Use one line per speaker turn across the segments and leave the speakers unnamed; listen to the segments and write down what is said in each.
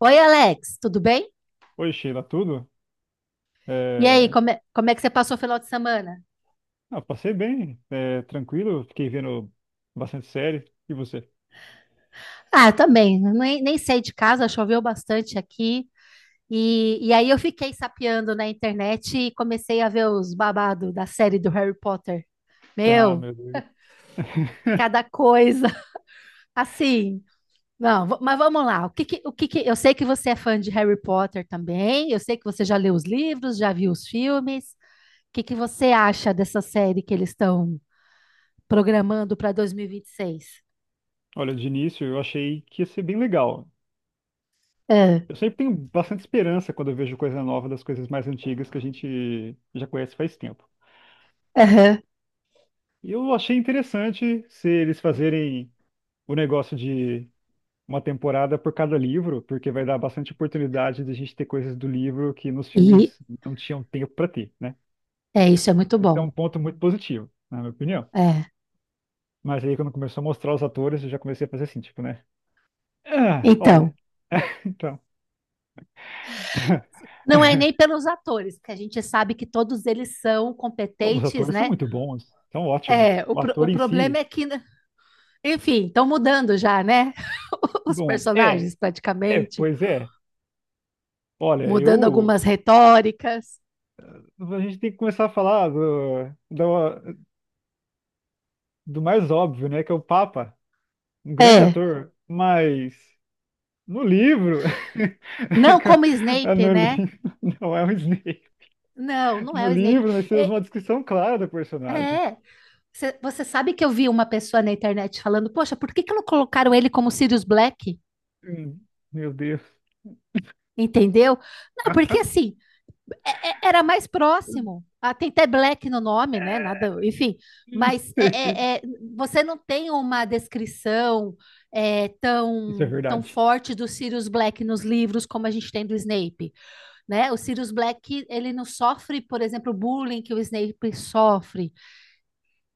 Oi, Alex, tudo bem?
Oi, Sheila, tudo?
E aí,
É...
como é que você passou o final de semana?
Ah, passei bem, é, tranquilo, fiquei vendo bastante série. E você?
Ah, eu também, nem saí de casa, choveu bastante aqui. E aí eu fiquei sapeando na internet e comecei a ver os babados da série do Harry Potter.
Ah,
Meu,
meu Deus.
cada coisa, assim. Não, mas vamos lá. Eu sei que você é fã de Harry Potter também, eu sei que você já leu os livros, já viu os filmes. O que que você acha dessa série que eles estão programando para dois mil e vinte e seis?
Olha, de início eu achei que ia ser bem legal. Eu sempre tenho bastante esperança quando eu vejo coisa nova das coisas mais antigas que a gente já conhece faz tempo.
Aham.
E eu achei interessante se eles fazerem o negócio de uma temporada por cada livro, porque vai dar bastante oportunidade de a gente ter coisas do livro que nos
E
filmes não tinham tempo para ter, né?
é isso, é muito
Então, é
bom.
um ponto muito positivo, na minha opinião.
É.
Mas aí quando começou a mostrar os atores, eu já comecei a fazer assim, tipo, né? Ah, olha,
Então,
então.
não é nem pelos atores, porque a gente sabe que todos eles são
Não, os
competentes,
atores são
né?
muito bons, são
É,
ótimos. O
o
ator em
problema
si,
é que, né, enfim, estão mudando já, né? Os
bom,
personagens, praticamente,
pois é. Olha,
mudando
eu.
algumas retóricas.
A gente tem que começar a falar do mais óbvio, né? Que é o Papa, um grande
É,
ator, mas no livro.
não como
Ah,
Snape,
no
né?
livro, não é um Snape.
Não, não
No
é o Snape.
livro, nós temos
É,
uma descrição clara do personagem.
é. Você sabe que eu vi uma pessoa na internet falando, poxa, por que que não colocaram ele como Sirius Black?
Hum, Meu Deus.
Entendeu? Não, porque assim, era mais próximo. Ah, tem até black no nome, né? Nada, enfim. Mas é, é- é, você não tem uma descrição
Isso é
tão, tão
verdade.
forte do Sirius Black nos livros como a gente tem do Snape, né? O Sirius Black, ele não sofre, por exemplo, o bullying que o Snape sofre.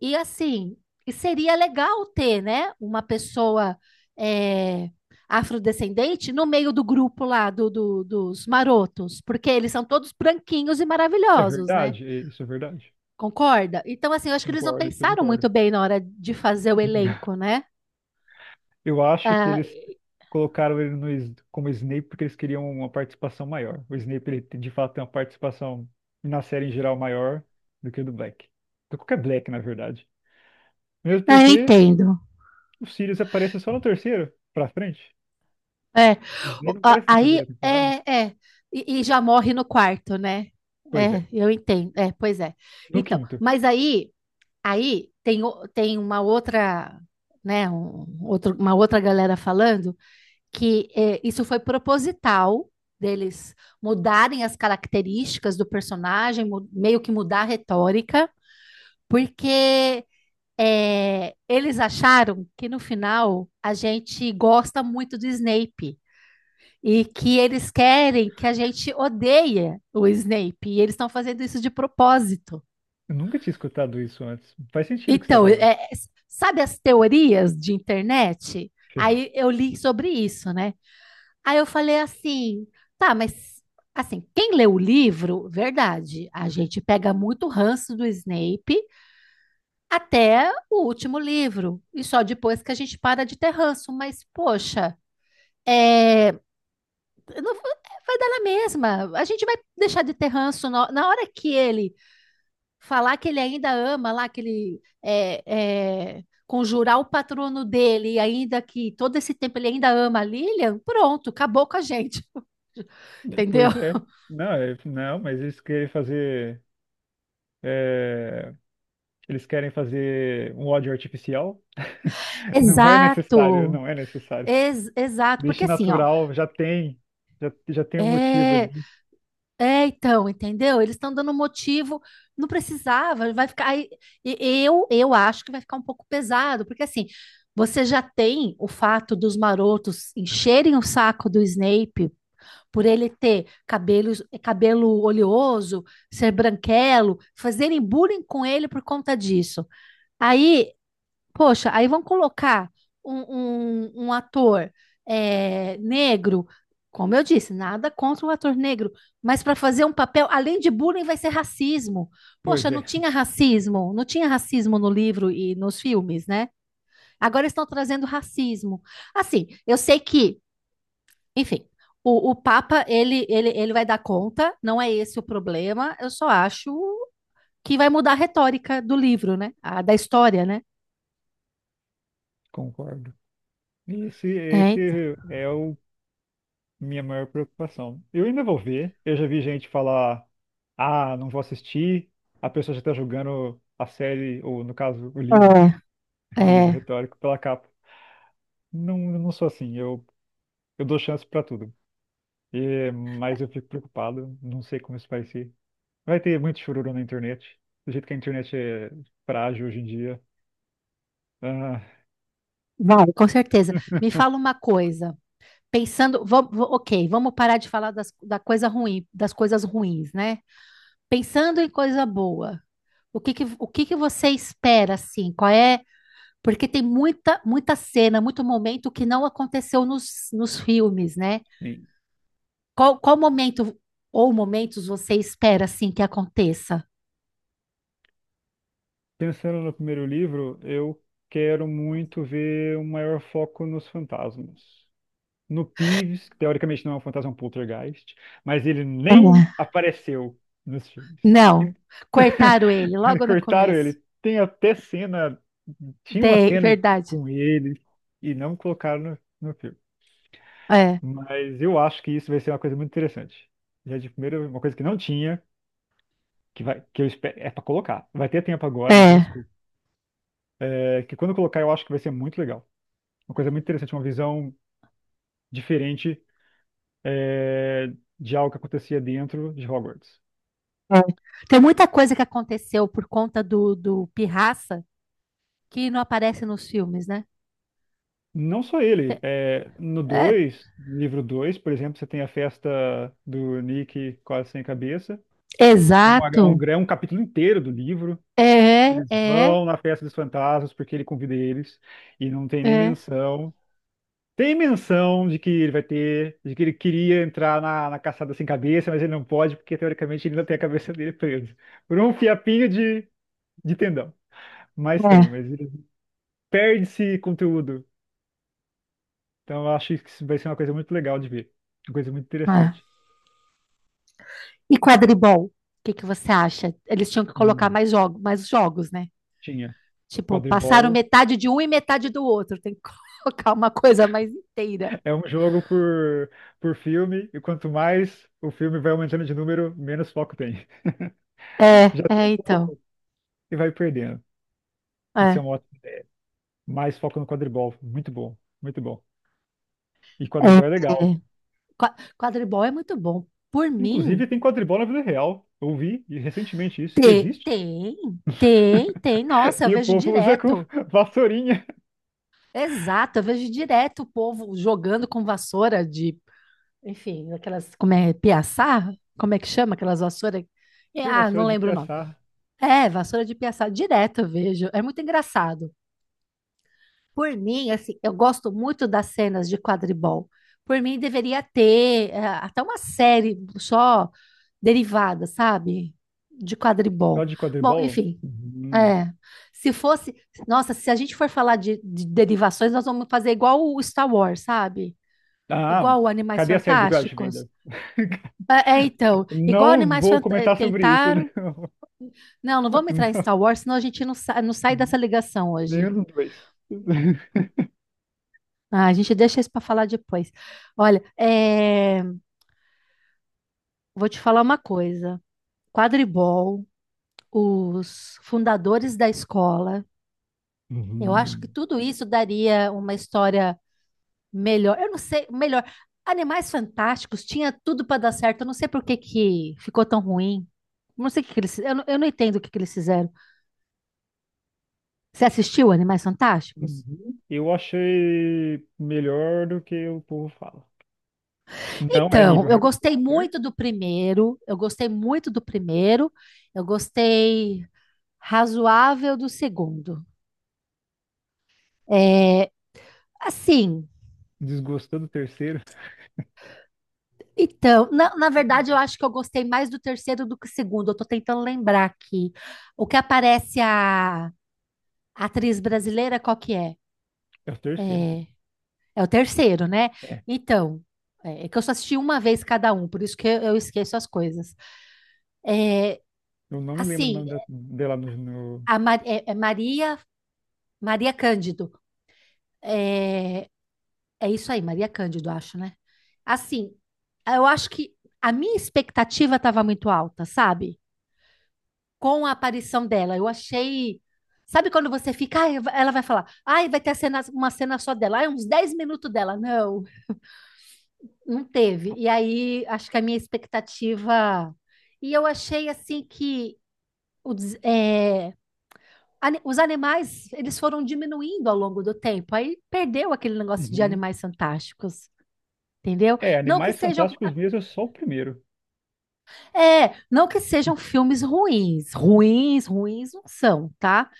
E assim, seria legal ter, né, uma pessoa é, afrodescendente no meio do grupo lá dos marotos, porque eles são todos branquinhos e
É
maravilhosos, né?
verdade, isso é verdade.
Concorda? Então, assim, eu acho que eles não
Concordo, isso eu
pensaram
concordo.
muito bem na hora de fazer o elenco, né?
Eu acho que
Ah,
eles colocaram ele no, como Snape porque eles queriam uma participação maior. O Snape, de fato tem uma participação na série em geral maior do que o do Black. Do qualquer Black, na verdade. Mesmo
não, eu
porque
entendo.
o Sirius aparece só no terceiro, pra frente.
É.
O Snape não aparece na
Aí
primeira
é,
temporada.
é. E já morre no quarto, né?
Pois
É,
é,
eu entendo. É, pois é.
no
Então,
quinto.
mas aí tem uma outra, né, um, outro, uma outra galera falando que isso foi proposital deles mudarem as características do personagem, meio que mudar a retórica, porque eles acharam que no final a gente gosta muito do Snape e que eles querem que a gente odeie o Snape, e eles estão fazendo isso de propósito.
Eu nunca tinha escutado isso antes. Faz sentido o que você tá
Então,
falando.
sabe as teorias de internet? Aí eu li sobre isso, né? Aí eu falei assim, tá, mas assim, quem lê o livro, verdade, a gente pega muito ranço do Snape até o último livro, e só depois que a gente para de ter ranço, mas poxa, é, não- vai dar na mesma. A gente vai deixar de ter ranço na hora que ele falar que ele ainda ama lá, que ele conjurar o patrono dele, e ainda que todo esse tempo ele ainda ama a Lilian, pronto, acabou com a gente, entendeu?
Pois é. Não, não, mas eles querem fazer. é, Eles querem fazer um ódio artificial. Não é necessário,
Exato.
não é necessário.
Exato, porque
Deixe
assim, ó,
natural, já tem, já tem um motivo
é,
ali.
então, entendeu? Eles estão dando motivo, não precisava, vai ficar, aí, e- eu acho que vai ficar um pouco pesado, porque assim, você já tem o fato dos marotos encherem o saco do Snape por ele ter cabelo oleoso, ser branquelo, fazerem bullying com ele por conta disso. Aí, poxa, aí vão colocar um ator negro, como eu disse, nada contra o ator negro, mas para fazer um papel, além de bullying, vai ser racismo.
Pois
Poxa, não
é,
tinha racismo, não tinha racismo no livro e nos filmes, né? Agora estão trazendo racismo. Assim, eu sei que enfim, o Papa, ele vai dar conta, não é esse o problema, eu só acho que vai mudar a retórica do livro, né? Da história, né?
concordo. E Esse,
É, então.
esse é o minha maior preocupação. Eu ainda vou ver. Eu já vi gente falar, ah, não vou assistir. A pessoa já está julgando a série, ou no caso, o livro,
É,
o livro
é,
retórico, pela capa. Não, eu não sou assim. Eu dou chance pra tudo. E, mas eu fico preocupado, não sei como isso vai ser. Vai ter muito chururu na internet, do jeito que a internet é frágil hoje em dia. Ah,
vai, com certeza. Me fala uma coisa, pensando, ok, vamos parar de falar das, da coisa ruim, das coisas ruins, né? Pensando em coisa boa, o que que você espera, assim? Qual é? Porque tem muita, muita cena, muito momento que não aconteceu nos filmes, né?
sim.
Qual momento ou momentos você espera assim que aconteça?
Pensando no primeiro livro, eu quero muito ver um maior foco nos fantasmas. No Peeves, que teoricamente não é um fantasma, é um poltergeist, mas ele nem
É.
apareceu nos filmes.
Não, cortaram ele logo no
Cortaram
começo.
ele. Tem até cena, tinha uma
Tem,
cena
verdade.
com ele e não colocaram no filme.
É.
Mas eu acho que isso vai ser uma coisa muito interessante. Já de primeira, uma coisa que não tinha, que vai, que eu espero, é para colocar. Vai ter tempo agora, não tem
É,
desculpa. É que quando eu colocar, eu acho que vai ser muito legal. Uma coisa muito interessante, uma visão diferente é, de algo que acontecia dentro de Hogwarts.
é. Tem muita coisa que aconteceu por conta do Pirraça que não aparece nos filmes, né?
Não só ele.
Te-
É, no
é,
dois livro 2, por exemplo, você tem a festa do Nick quase sem cabeça.
exato.
É um capítulo inteiro do livro.
É, é,
Eles
é.
vão na festa dos fantasmas porque ele convida eles e não tem nem
É,
menção. Tem menção de que ele vai ter, de que ele queria entrar na, na caçada sem cabeça, mas ele não pode, porque teoricamente ele ainda tem a cabeça dele presa. Por um fiapinho de tendão. Mas tem, mas ele perde esse conteúdo. Então eu acho que isso vai ser uma coisa muito legal de ver. Uma coisa muito
é.
interessante.
E quadribol? O que que você acha? Eles tinham que colocar
Hum.
mais jogos, né?
Tinha.
Tipo, passaram
Quadribol
metade de um e metade do outro. Tem que colocar uma coisa mais inteira.
é um jogo por filme, e quanto mais o filme vai aumentando de número, menos foco tem. Já tem
Então.
pouco e vai perdendo. Isso é
É.
um ótimo. Mais foco no quadribol. Muito bom, muito bom. E
é.
quadribol é legal.
é. Quadribol é muito bom. Por mim,
Inclusive, tem quadribol na vida real. Eu vi e recentemente isso, que existe.
tem, tem, tem. Nossa, eu
E o
vejo
povo usa com
direto.
vassourinha.
Exato, eu vejo direto o povo jogando com vassoura de, enfim, aquelas, como é, piaçá? Como é que chama aquelas vassouras?
Acho que é
Ah, não
vassoura de
lembro o nome.
pensar.
É, vassoura de piaçá, direto eu vejo. É muito engraçado. Por mim, assim, eu gosto muito das cenas de quadribol. Por mim, deveria ter até uma série só derivada, sabe? De
Só
quadribol.
de
Bom,
quadribol?
enfim.
Hum.
É. Se fosse. Nossa, se a gente for falar de derivações, nós vamos fazer igual o Star Wars, sabe?
Ah,
Igual o Animais
cadê a série do Crouch
Fantásticos.
Vader?
Então, igual
Não
Animais
vou
Fantásticos.
comentar sobre isso.
Tentaram.
Não.
Não, não vamos entrar em Star Wars, senão a gente não sai dessa
Não.
ligação hoje.
Nenhum dos dois.
Ah, a gente deixa isso para falar depois. Olha, vou te falar uma coisa. Quadribol, os fundadores da escola, eu acho que
Uhum.
tudo isso daria uma história melhor. Eu não sei, melhor. Animais Fantásticos tinha tudo para dar certo. Eu não sei por que que ficou tão ruim. Não sei o que que eles, eu não entendo o que que eles fizeram. Você assistiu Animais Fantásticos?
Uhum. Eu achei melhor do que o povo fala. Não é nível
Então, eu
Harry
gostei
Potter.
muito do primeiro. Eu gostei muito do primeiro. Eu gostei razoável do segundo. É, assim,
Desgostou do terceiro?
então, na verdade, eu acho que eu gostei mais do terceiro do que o segundo. Eu tô tentando lembrar aqui. O que aparece a atriz brasileira, qual que é?
É o terceiro.
É, é o terceiro, né?
É.
Então, é que eu só assisti uma vez cada um, por isso que eu esqueço as coisas. É,
Eu não me lembro o
assim,
nome dela
a Maria, Maria Cândido. É, É isso aí, Maria Cândido, acho, né? Assim, eu acho que a minha expectativa estava muito alta, sabe? Com a aparição dela, eu achei. Sabe quando você fica, "Ai, ela vai falar, ai, vai ter uma cena só dela, ai, uns 10 minutos dela. Não, não teve. E aí, acho que a minha expectativa. E eu achei, assim, que o des- é, ani- os animais, eles foram diminuindo ao longo do tempo. Aí perdeu aquele negócio de
Uhum.
animais fantásticos, entendeu?
É,
Não que
Animais
sejam
Fantásticos mesmo é só o primeiro.
não que sejam filmes ruins, ruins, ruins não são, tá?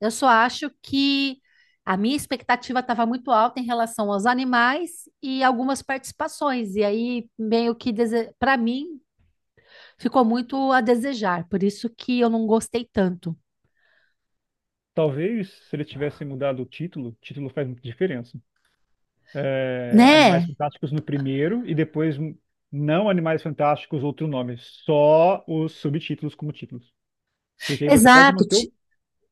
Eu só acho que a minha expectativa estava muito alta em relação aos animais e algumas participações, e aí meio que para mim ficou muito a desejar, por isso que eu não gostei tanto,
Talvez se eles tivessem mudado o título faz muita diferença. É, Animais
né?
Fantásticos no primeiro e depois não Animais Fantásticos, outro nome, só os subtítulos como títulos. Porque aí você pode
Exato.
manter o,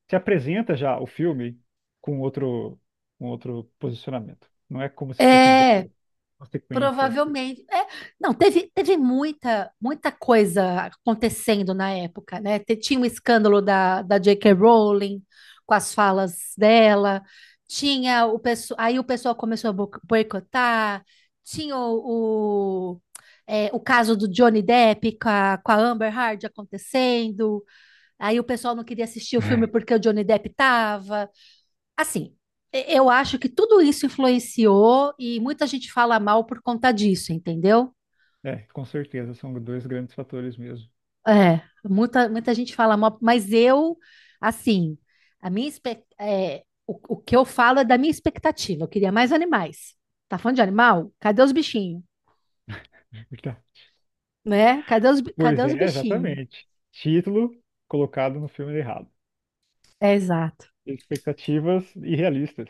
se apresenta já o filme com outro, com outro posicionamento. Não é como se fosse
É.
igual, uma sequência.
Provavelmente. É, não, teve muita, muita coisa acontecendo na época, né? Tinha o escândalo da JK Rowling com as falas dela, tinha o pessoal, aí o pessoal começou a boicotar, tinha o caso do Johnny Depp com com a Amber Heard acontecendo, aí o pessoal não queria assistir o filme porque o Johnny Depp estava assim, eu acho que tudo isso influenciou e muita gente fala mal por conta disso, entendeu?
É, com certeza, são dois grandes fatores mesmo.
É, muita, muita gente fala mal, mas eu, assim, a minha, espe- é, o que eu falo é da minha expectativa. Eu queria mais animais. Tá falando de animal? Cadê os bichinhos? Né? Cadê os, bi- cadê
Pois
os
é,
bichinhos?
exatamente. Título colocado no filme errado.
É, exato.
Expectativas irrealistas.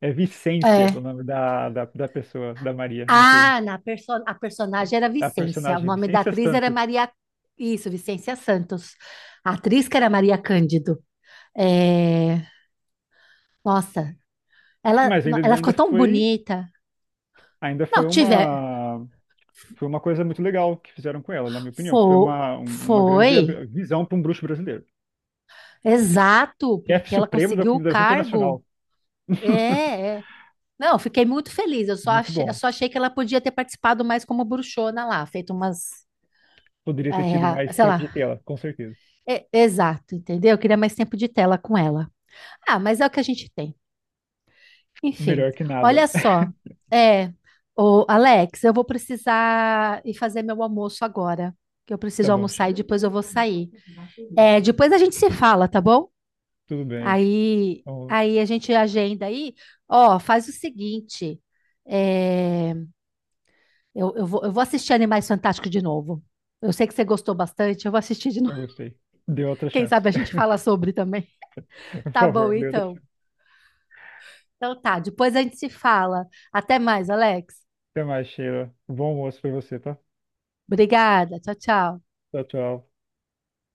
É Vicência o
É.
nome da pessoa, da Maria, no filme.
Ah, na perso a
É.
personagem era
A
Vicência. O
personagem é
nome da
Vicência
atriz era
Santos.
Maria. Isso, Vicência Santos. A atriz que era Maria Cândido. É, nossa, ela,
Mas ainda,
ela ficou tão bonita.
ainda
Não, tiver.
foi uma coisa muito legal que fizeram com ela, na minha opinião. Foi
Foi,
uma, um, uma
foi,
visão para um bruxo brasileiro.
exato,
Chefe
porque ela
supremo da
conseguiu o
comunidade
cargo.
internacional.
É. Não, eu fiquei muito feliz. Eu só
Muito
achei, eu
bom.
só achei que ela podia ter participado mais como bruxona lá, feito umas.
Poderia ter tido mais
Sei
tempo de
lá.
tela, com certeza.
É, exato, entendeu? Eu queria mais tempo de tela com ela. Ah, mas é o que a gente tem. Enfim,
Melhor que
olha
nada.
só. É, ô, Alex, eu vou precisar ir fazer meu almoço agora. Que eu
Tá
preciso
bom,
almoçar e
chefe.
depois eu vou sair. Depois a gente se fala, tá bom?
Tudo bem.
Aí,
Então,
aí a gente agenda aí. Ó, faz o seguinte. é, eu vou assistir Animais Fantásticos de novo. Eu sei que você gostou bastante, eu vou assistir de novo.
eu gostei. Dê outra
Quem
chance.
sabe a gente fala sobre também.
Por
Tá
favor,
bom,
dê outra
então.
chance.
Então tá, depois a gente se fala. Até mais, Alex.
Até mais, Sheila. Bom almoço pra você, tá?
Obrigada. Tchau, tchau.
Tchau, tchau.